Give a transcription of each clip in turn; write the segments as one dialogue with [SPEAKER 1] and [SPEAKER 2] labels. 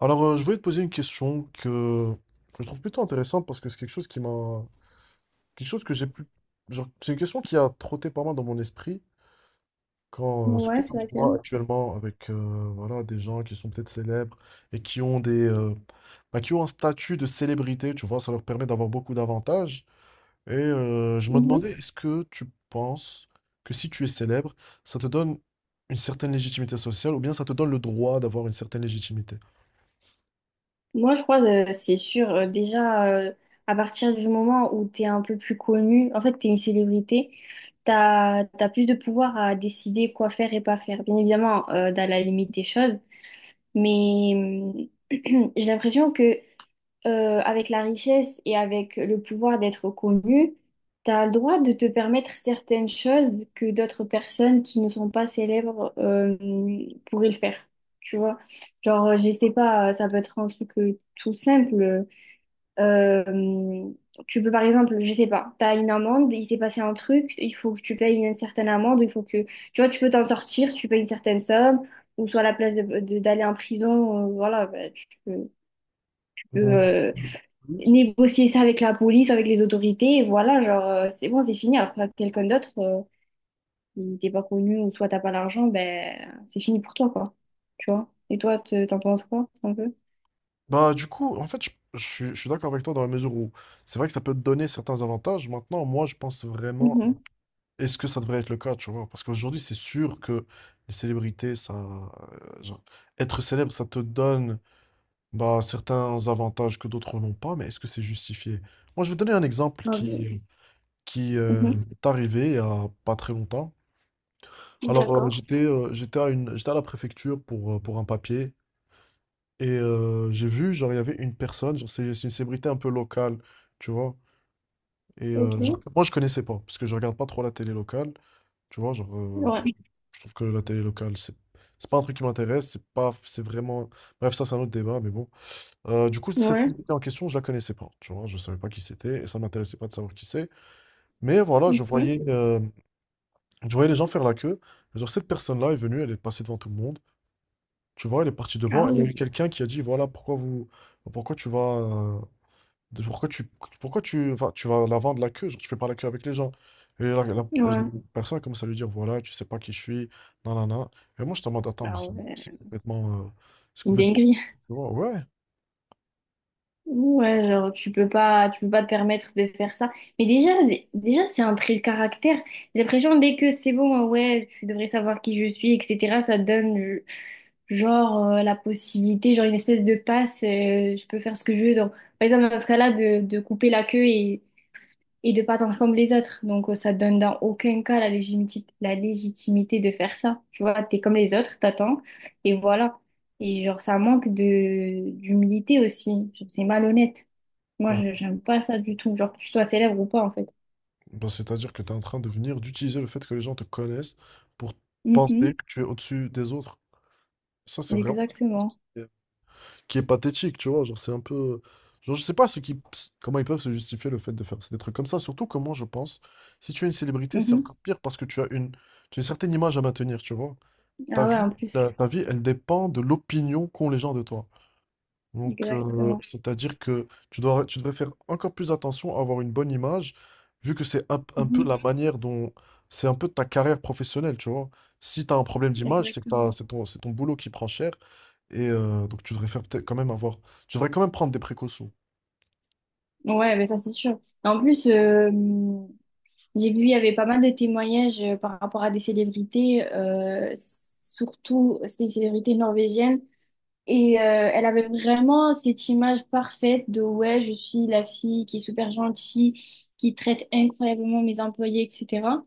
[SPEAKER 1] Je voulais te poser une question que je trouve plutôt intéressante parce que c'est quelque chose qui m'a. Quelque chose que j'ai pu. Genre, c'est une question qui a trotté pas mal dans mon esprit, surtout
[SPEAKER 2] Ouais, c'est
[SPEAKER 1] quand je vois
[SPEAKER 2] laquelle?
[SPEAKER 1] actuellement avec voilà, des gens qui sont peut-être célèbres et qui ont qui ont un statut de célébrité, tu vois, ça leur permet d'avoir beaucoup d'avantages. Je me
[SPEAKER 2] Mhm.
[SPEAKER 1] demandais, est-ce que tu penses que si tu es célèbre, ça te donne une certaine légitimité sociale, ou bien ça te donne le droit d'avoir une certaine légitimité?
[SPEAKER 2] Moi, je crois, c'est sûr, déjà, à partir du moment où tu es un peu plus connu, en fait, tu es une célébrité, tu as, plus de pouvoir à décider quoi faire et pas faire. Bien évidemment, dans la limite des choses, mais j'ai l'impression que avec la richesse et avec le pouvoir d'être connu, tu as le droit de te permettre certaines choses que d'autres personnes qui ne sont pas célèbres pourraient le faire. Tu vois, genre, je sais pas, ça peut être un truc tout simple. Euh, Tu peux, par exemple, je sais pas, t'as une amende, il s'est passé un truc, il faut que tu payes une certaine amende, il faut que, tu vois, tu peux t'en sortir, si tu payes une certaine somme, ou soit à la place de, d'aller en prison, voilà, bah, tu peux, tu peux,
[SPEAKER 1] Mm.
[SPEAKER 2] euh, négocier ça avec la police, avec les autorités, et voilà, genre, c'est bon, c'est fini. Alors que quelqu'un d'autre, il t'est pas connu, ou soit t'as pas l'argent, ben, c'est fini pour toi, quoi. Tu vois? Et toi, t'en penses quoi, un peu?
[SPEAKER 1] Bah, du coup, en fait, je suis d'accord avec toi dans la mesure où c'est vrai que ça peut te donner certains avantages. Maintenant, moi, je pense vraiment,
[SPEAKER 2] Mhm.
[SPEAKER 1] est-ce que ça devrait être le cas, tu vois? Parce qu'aujourd'hui, c'est sûr que les célébrités, ça, genre, être célèbre, ça te donne. Bah, certains avantages que d'autres n'ont pas, mais est-ce que c'est justifié? Moi, je vais donner un exemple
[SPEAKER 2] Grave.
[SPEAKER 1] qui est arrivé il y a pas très longtemps.
[SPEAKER 2] Mhm. D'accord.
[SPEAKER 1] J'étais à la préfecture pour un papier j'ai vu, genre, il y avait une personne, genre, c'est une célébrité un peu locale, tu vois. Genre,
[SPEAKER 2] Ok.
[SPEAKER 1] moi, je connaissais pas, parce que je regarde pas trop la télé locale, tu vois.
[SPEAKER 2] Ouais.
[SPEAKER 1] Je trouve que la télé locale, c'est pas un truc qui m'intéresse, c'est pas, c'est vraiment. Bref, ça, c'est un autre débat, mais bon. Du coup, cette
[SPEAKER 2] Ouais.
[SPEAKER 1] célébrité en question, je la connaissais pas, tu vois? Je savais pas qui c'était et ça m'intéressait pas de savoir qui c'est. Mais voilà,
[SPEAKER 2] Mhm.
[SPEAKER 1] je voyais les gens faire la queue. Et genre, cette personne-là est venue, elle est passée devant tout le monde, tu vois? Elle est partie
[SPEAKER 2] Ah
[SPEAKER 1] devant et il y a
[SPEAKER 2] oui.
[SPEAKER 1] eu quelqu'un qui a dit: «Voilà, pourquoi vous pourquoi tu vas, de pourquoi tu vas la vendre la queue? Genre, tu fais pas la queue avec les gens». Et la
[SPEAKER 2] Ouais.
[SPEAKER 1] personne a commencé à lui dire: «Voilà, tu sais pas qui je suis, nanana». Et moi, je te demande: «Attends, mais
[SPEAKER 2] Ah ouais.
[SPEAKER 1] c'est
[SPEAKER 2] C'est une
[SPEAKER 1] complètement»
[SPEAKER 2] dinguerie.
[SPEAKER 1] tu vois? Ouais.
[SPEAKER 2] Ouais, genre tu peux pas, te permettre de faire ça. Mais déjà, c'est un trait de caractère. J'ai l'impression dès que c'est bon, ouais, tu devrais savoir qui je suis, etc. Ça donne genre la possibilité, genre une espèce de passe. Je peux faire ce que je veux. Donc, par exemple dans ce cas-là, de, couper la queue et, de pas attendre comme les autres. Donc ça donne dans aucun cas la légitimité de faire ça. Tu vois, t'es comme les autres, t'attends et voilà. Et genre ça manque de d'humilité aussi. Genre, c'est malhonnête. Moi,
[SPEAKER 1] Ouais.
[SPEAKER 2] j'aime pas ça du tout. Genre, que tu sois célèbre ou pas, en fait.
[SPEAKER 1] Bah, c'est-à-dire que tu es en train de venir d'utiliser le fait que les gens te connaissent pour penser
[SPEAKER 2] Mhm.
[SPEAKER 1] que tu es au-dessus des autres. Ça, c'est vraiment
[SPEAKER 2] Exactement.
[SPEAKER 1] qui est pathétique, tu vois. Genre, c'est un peu. Genre, je sais pas ce qui... Comment ils peuvent se justifier le fait de faire des trucs comme ça? Surtout, comment je pense. Si tu es une célébrité, c'est
[SPEAKER 2] Mhm.
[SPEAKER 1] encore pire parce que tu as une certaine image à maintenir, tu vois. Ta
[SPEAKER 2] Ah ouais,
[SPEAKER 1] vie,
[SPEAKER 2] en plus.
[SPEAKER 1] Ta vie, elle dépend de l'opinion qu'ont les gens de toi.
[SPEAKER 2] Exactement.
[SPEAKER 1] C'est-à-dire que tu devrais faire encore plus attention à avoir une bonne image, vu que c'est un peu
[SPEAKER 2] Mhm.
[SPEAKER 1] la manière dont... C'est un peu ta carrière professionnelle, tu vois. Si tu as un problème d'image, c'est
[SPEAKER 2] Exactement.
[SPEAKER 1] c'est c'est ton boulot qui prend cher. Tu devrais faire peut-être quand même avoir... Tu devrais quand même prendre des précautions.
[SPEAKER 2] Ouais, mais ça, c'est sûr. En plus, j'ai vu, il y avait pas mal de témoignages par rapport à des célébrités, surtout c'était des célébrités norvégiennes. Et elle avait vraiment cette image parfaite de ouais, je suis la fille qui est super gentille, qui traite incroyablement mes employés, etc.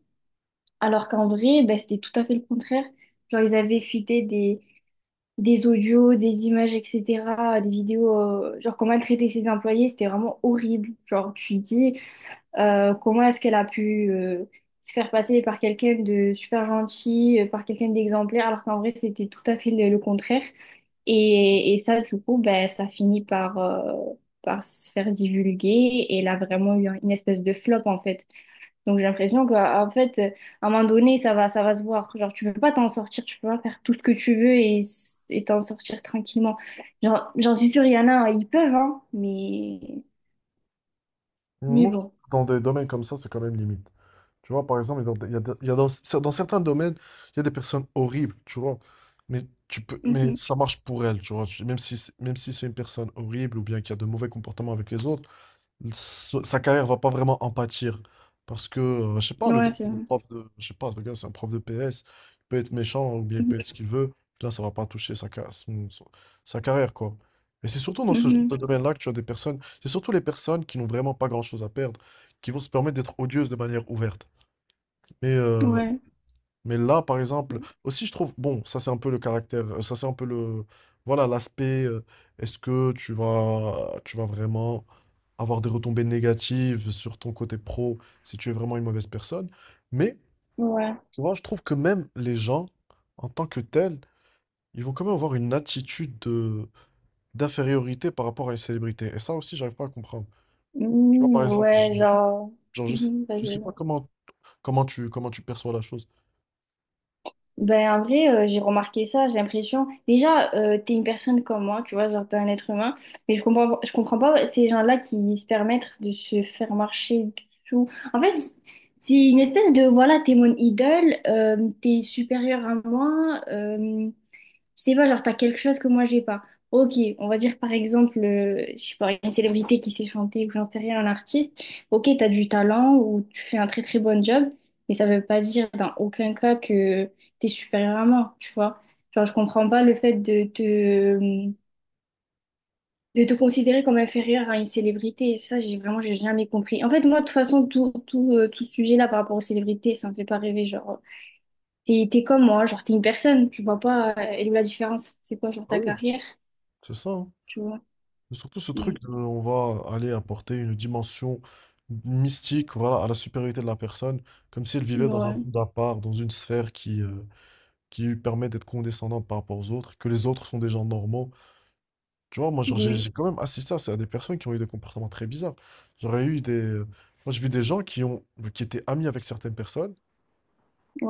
[SPEAKER 2] Alors qu'en vrai, bah, c'était tout à fait le contraire. Genre, ils avaient fuité des, audios, des images, etc., des vidéos, genre comment elle traitait ses employés, c'était vraiment horrible. Genre, tu te dis, comment est-ce qu'elle a pu se faire passer par quelqu'un de super gentil, par quelqu'un d'exemplaire, alors qu'en vrai, c'était tout à fait le, contraire. Et, ça, du coup, bah, ça finit par, se faire divulguer, et elle a vraiment eu une espèce de flop, en fait. Donc j'ai l'impression qu'en fait, à un moment donné, ça va, se voir. Genre, tu peux pas t'en sortir, tu peux pas faire tout ce que tu veux et t'en sortir tranquillement. Genre, j'en suis sûre, il y en a, hein, ils peuvent, hein, mais,
[SPEAKER 1] Moi,
[SPEAKER 2] bon.
[SPEAKER 1] dans des domaines comme ça, c'est quand même limite. Tu vois, par exemple, dans- il y a, de- il y a dans, dans certains domaines, il y a des personnes horribles, tu vois. Mais tu peux, mais
[SPEAKER 2] Mhm.
[SPEAKER 1] ça marche pour elles, tu vois. Même si c'est une personne horrible ou bien qui a de mauvais comportements avec les autres, sa carrière va pas vraiment en pâtir. Parce que, je sais pas, le gars,
[SPEAKER 2] Ouais, c'est
[SPEAKER 1] c'est un
[SPEAKER 2] vrai.
[SPEAKER 1] prof de, je sais pas, le gars, c'est un prof de PS. Il peut être méchant ou bien il peut être ce qu'il veut. Là, ça va pas toucher sa, ca- son- son- sa carrière, quoi. Et c'est surtout dans ce genre
[SPEAKER 2] Mhm.
[SPEAKER 1] de domaine-là que tu as des personnes, c'est surtout les personnes qui n'ont vraiment pas grand-chose à perdre, qui vont se permettre d'être odieuses de manière ouverte. Mais,
[SPEAKER 2] Mhm.
[SPEAKER 1] euh,
[SPEAKER 2] Ouais.
[SPEAKER 1] mais là, par exemple, aussi, je trouve, bon, ça c'est un peu le caractère, ça c'est un peu le, voilà, est-ce que tu vas vraiment avoir des retombées négatives sur ton côté pro si tu es vraiment une mauvaise personne. Mais
[SPEAKER 2] Ouais.
[SPEAKER 1] tu vois, je trouve que même les gens, en tant que tels, ils vont quand même avoir une attitude d'infériorité par rapport à une célébrité. Et ça aussi, j'arrive pas à comprendre. Tu vois,
[SPEAKER 2] Mhm.
[SPEAKER 1] par exemple, je-
[SPEAKER 2] Ouais, genre.
[SPEAKER 1] genre, je sais,
[SPEAKER 2] Mhm.
[SPEAKER 1] je
[SPEAKER 2] Vas-y,
[SPEAKER 1] sais pas
[SPEAKER 2] vas-y.
[SPEAKER 1] comment tu perçois la chose.
[SPEAKER 2] Ben, en vrai, j'ai remarqué ça, j'ai l'impression. Déjà, t'es une personne comme moi, tu vois, genre t'es un être humain, mais je comprends, pas ces gens-là qui se permettent de se faire marcher dessous. En fait, c'est une espèce de, voilà, t'es mon idole, t'es supérieur à moi, je sais pas, genre, t'as quelque chose que moi, j'ai pas. Ok, on va dire par exemple, je sais pas, une célébrité qui sait chanter ou j'en sais rien, un artiste. Ok, t'as du talent ou tu fais un très très bon job, mais ça veut pas dire dans aucun cas que t'es supérieur à moi, tu vois. Genre, je comprends pas le fait de te, considérer comme inférieur à une célébrité. Ça, j'ai vraiment, j'ai jamais compris. En fait, moi, de toute façon, tout, tout ce sujet-là par rapport aux célébrités, ça me fait pas rêver. Genre, t'es, comme moi, genre, t'es une personne, tu vois pas, elle est où la différence? C'est quoi, genre,
[SPEAKER 1] Ah
[SPEAKER 2] ta
[SPEAKER 1] oui.
[SPEAKER 2] carrière?
[SPEAKER 1] C'est ça, hein.
[SPEAKER 2] Tu vois.
[SPEAKER 1] Mais surtout, ce
[SPEAKER 2] Mais,
[SPEAKER 1] truc de, on va aller apporter une dimension mystique, voilà, à la supériorité de la personne, comme si elle vivait dans un
[SPEAKER 2] ouais,
[SPEAKER 1] monde à part, dans une sphère qui lui permet d'être condescendante par rapport aux autres, que les autres sont des gens normaux. Tu vois, moi, genre, j'ai
[SPEAKER 2] oui,
[SPEAKER 1] j'ai quand même assisté à des personnes qui ont eu des comportements très bizarres. J'aurais eu des... Moi, j'ai vu des gens qui étaient amis avec certaines personnes,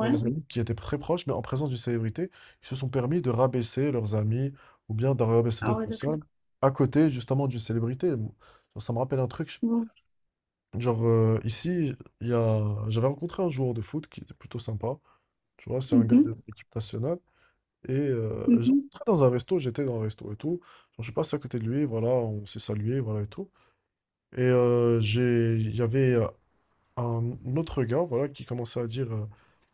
[SPEAKER 1] dans des amis qui étaient très proches, mais en présence d'une célébrité, ils se sont permis de rabaisser leurs amis ou bien de rabaisser
[SPEAKER 2] Ah
[SPEAKER 1] d'autres
[SPEAKER 2] ouais, d'accord.
[SPEAKER 1] personnes à côté, justement, d'une célébrité. Moi, ça me rappelle un truc.
[SPEAKER 2] Bon.
[SPEAKER 1] Ici, j'avais rencontré un joueur de foot qui était plutôt sympa, tu vois, c'est un gars
[SPEAKER 2] Mhm,
[SPEAKER 1] de l'équipe nationale.
[SPEAKER 2] mhm.
[SPEAKER 1] J'étais dans un resto et tout. Genre, je suis passé à côté de lui, voilà, on s'est salué, voilà et tout. Il y avait un autre gars, voilà, qui commençait à dire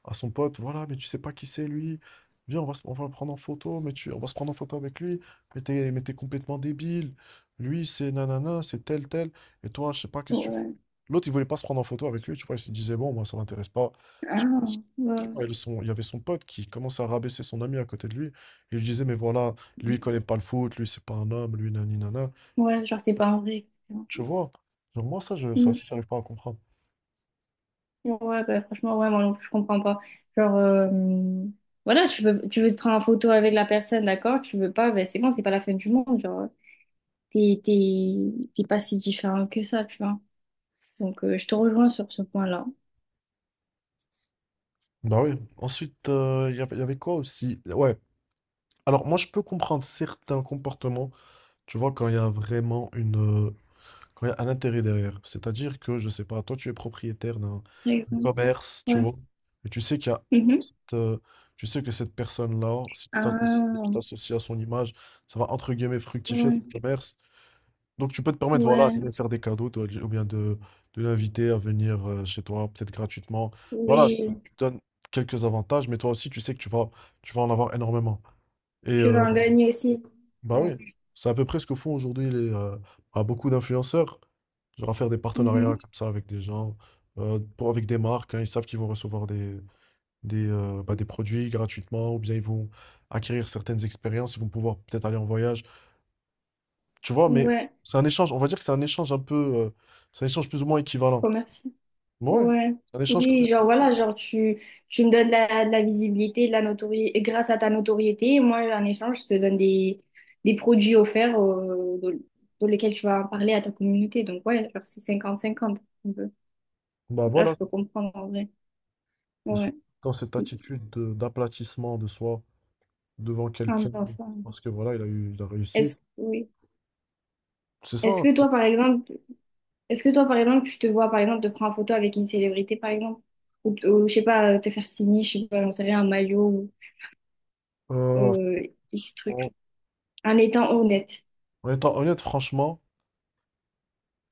[SPEAKER 1] à son pote: «Voilà, mais tu sais pas qui c'est lui, viens, on va le prendre en photo, on va se prendre en photo avec lui, mais t'es complètement débile, lui c'est nanana, c'est tel tel, et toi, je sais pas, qu'est-ce que tu fais».
[SPEAKER 2] Ouais.
[SPEAKER 1] L'autre, il voulait pas se prendre en photo avec lui, tu vois, il se disait: «Bon, moi, ça m'intéresse pas». Je
[SPEAKER 2] Ah,
[SPEAKER 1] pense- je sais pas,
[SPEAKER 2] ouais.
[SPEAKER 1] il, son- Il y avait son pote qui commençait à rabaisser son ami à côté de lui, et il lui disait: «Mais voilà, lui, il connaît pas le foot, lui, c'est pas un homme, lui, nani nana».
[SPEAKER 2] Ouais, genre, c'est pas un vrai. Etc.
[SPEAKER 1] Tu vois, genre, moi, ça aussi,
[SPEAKER 2] Mm.
[SPEAKER 1] j'arrive pas à comprendre.
[SPEAKER 2] Ouais, bah, franchement, ouais, moi non plus, je comprends pas. Genre, voilà, tu veux, te prendre en photo avec la personne, d'accord? Tu veux pas, ben c'est bon, c'est pas la fin du monde. Genre, t'es, pas si différent que ça, tu vois. Donc, je te rejoins sur ce point-là.
[SPEAKER 1] Bah oui. Ensuite, y avait quoi aussi? Ouais. Alors, moi, je peux comprendre certains comportements, tu vois, quand il y a un intérêt derrière. C'est-à-dire que, je sais pas, toi, tu es propriétaire
[SPEAKER 2] Par
[SPEAKER 1] d'un
[SPEAKER 2] exemple.
[SPEAKER 1] commerce, tu
[SPEAKER 2] Ouais.
[SPEAKER 1] vois, et tu sais qu'il y a
[SPEAKER 2] Mhm.
[SPEAKER 1] cette, euh, cette personne-là, si tu
[SPEAKER 2] Ah,
[SPEAKER 1] t'associes à son image, ça va, entre guillemets, fructifier
[SPEAKER 2] ouais,
[SPEAKER 1] ton commerce. Donc tu peux te permettre, voilà, de
[SPEAKER 2] ouais,
[SPEAKER 1] lui faire des cadeaux, toi, de l'inviter à venir chez toi, peut-être gratuitement.
[SPEAKER 2] oui.
[SPEAKER 1] Tu donnes quelques avantages, mais toi aussi, tu sais que tu vas en avoir énormément. Et
[SPEAKER 2] Tu
[SPEAKER 1] euh,
[SPEAKER 2] vas en gagner aussi.
[SPEAKER 1] bah oui,
[SPEAKER 2] Ouais.
[SPEAKER 1] c'est à peu près ce que font aujourd'hui beaucoup d'influenceurs. Genre, à faire des partenariats
[SPEAKER 2] Mhm.
[SPEAKER 1] comme ça avec des gens, avec des marques, hein, ils savent qu'ils vont recevoir des produits gratuitement, ou bien ils vont acquérir certaines expériences, ils vont pouvoir peut-être aller en voyage. Tu vois, mais
[SPEAKER 2] Ouais.
[SPEAKER 1] c'est un échange, on va dire que c'est un échange un peu. C'est un échange plus ou moins équivalent.
[SPEAKER 2] Commercial.
[SPEAKER 1] Ouais,
[SPEAKER 2] Ouais.
[SPEAKER 1] un échange comme
[SPEAKER 2] Oui, genre
[SPEAKER 1] ça.
[SPEAKER 2] voilà, genre tu, me donnes de la, visibilité, de la notoriété, grâce à ta notoriété, moi en échange, je te donne des, produits offerts dans, lesquels tu vas en parler à ta communauté. Donc ouais, genre c'est cinquante cinquante un peu.
[SPEAKER 1] Bah
[SPEAKER 2] Donc Là,
[SPEAKER 1] voilà,
[SPEAKER 2] je peux comprendre en vrai.
[SPEAKER 1] mais sous-
[SPEAKER 2] Ouais.
[SPEAKER 1] dans cette attitude d'aplatissement de soi devant
[SPEAKER 2] Ah
[SPEAKER 1] quelqu'un,
[SPEAKER 2] non, ça.
[SPEAKER 1] parce que voilà, il a réussi.
[SPEAKER 2] Est-ce, oui.
[SPEAKER 1] C'est ça,
[SPEAKER 2] Est-ce
[SPEAKER 1] hein.
[SPEAKER 2] que toi, par exemple, Est-ce que toi, par exemple, tu te vois, par exemple, te prendre en photo avec une célébrité, par exemple? Ou, je sais pas, te faire signer, je sais pas, j'en sais rien, un maillot
[SPEAKER 1] Euh,
[SPEAKER 2] ou X
[SPEAKER 1] en
[SPEAKER 2] truc. En étant honnête.
[SPEAKER 1] En étant honnête, franchement,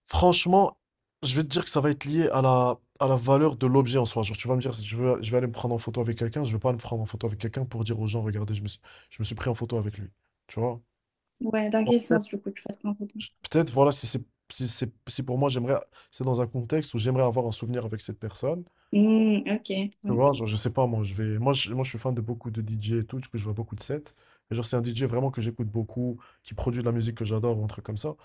[SPEAKER 1] franchement, je vais te dire que ça va être lié à à la valeur de l'objet en soi. Genre, tu vas me dire, si je veux, je vais aller me prendre en photo avec quelqu'un, je vais pas me prendre en photo avec quelqu'un pour dire aux gens: «Regardez, je me suis pris en photo avec lui». Tu vois?
[SPEAKER 2] Ouais, dans quel sens, du coup, tu vas te prendre en photo?
[SPEAKER 1] Peut-être, voilà, si c'est si c'est si pour moi j'aimerais c'est dans un contexte où j'aimerais avoir un souvenir avec cette personne.
[SPEAKER 2] Hmm, ok,
[SPEAKER 1] Tu
[SPEAKER 2] ouais.
[SPEAKER 1] vois, genre, je sais pas, moi je vais moi je suis fan de beaucoup de DJ et tout, du coup je vois beaucoup de sets. Et genre, c'est un DJ vraiment que j'écoute beaucoup, qui produit de la musique que j'adore, ou un truc comme ça.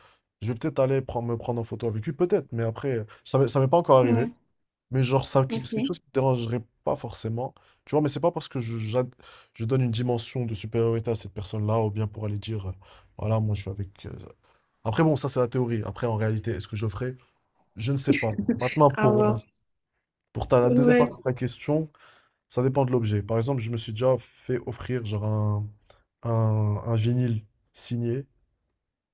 [SPEAKER 1] Je vais peut-être me prendre en photo avec lui, peut-être, mais après, ça m'est pas encore arrivé.
[SPEAKER 2] Ouais,
[SPEAKER 1] Mais genre,
[SPEAKER 2] ok.
[SPEAKER 1] c'est quelque chose qui me dérangerait pas forcément. Tu vois, mais c'est pas parce que je donne une dimension de supériorité à cette personne-là, ou bien pour aller dire, voilà, moi je suis avec. Après, bon, ça c'est la théorie. Après, en réalité, est-ce que je le ferai? Je ne sais pas. Maintenant,
[SPEAKER 2] À
[SPEAKER 1] pour, euh,
[SPEAKER 2] voir.
[SPEAKER 1] pour ta, la deuxième
[SPEAKER 2] Ouais.
[SPEAKER 1] partie de ta question, ça dépend de l'objet. Par exemple, je me suis déjà fait offrir genre un vinyle signé.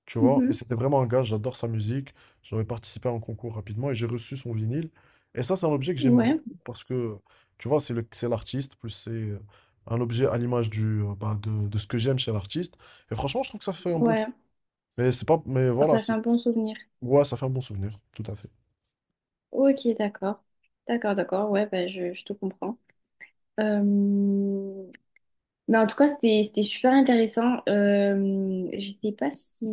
[SPEAKER 1] Tu vois, mais
[SPEAKER 2] mhm,
[SPEAKER 1] c'était vraiment un gars, j'adore sa musique. J'avais participé à un concours rapidement et j'ai reçu son vinyle. Et ça, c'est un objet que j'aime
[SPEAKER 2] ouais,
[SPEAKER 1] beaucoup parce que, tu vois, c'est l'artiste, plus c'est un objet à l'image de ce que j'aime chez l'artiste. Et franchement, je trouve que ça fait un bon
[SPEAKER 2] ouais.
[SPEAKER 1] truc. Mais c'est pas, mais
[SPEAKER 2] Oh,
[SPEAKER 1] voilà,
[SPEAKER 2] ça fait
[SPEAKER 1] c'est-
[SPEAKER 2] un bon souvenir.
[SPEAKER 1] Ouais, ça fait un bon souvenir, tout à fait.
[SPEAKER 2] Ok, d'accord. D'accord, d'accord, ouais, bah, je, te comprends. Euh, Mais en tout cas, c'était, super intéressant.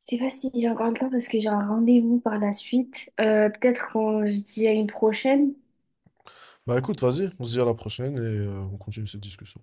[SPEAKER 2] Je sais pas si j'ai encore le temps parce que j'ai un rendez-vous par la suite. Peut-être qu'on se dit à une prochaine.
[SPEAKER 1] Bah écoute, vas-y, on se dit à la prochaine et on continue cette discussion.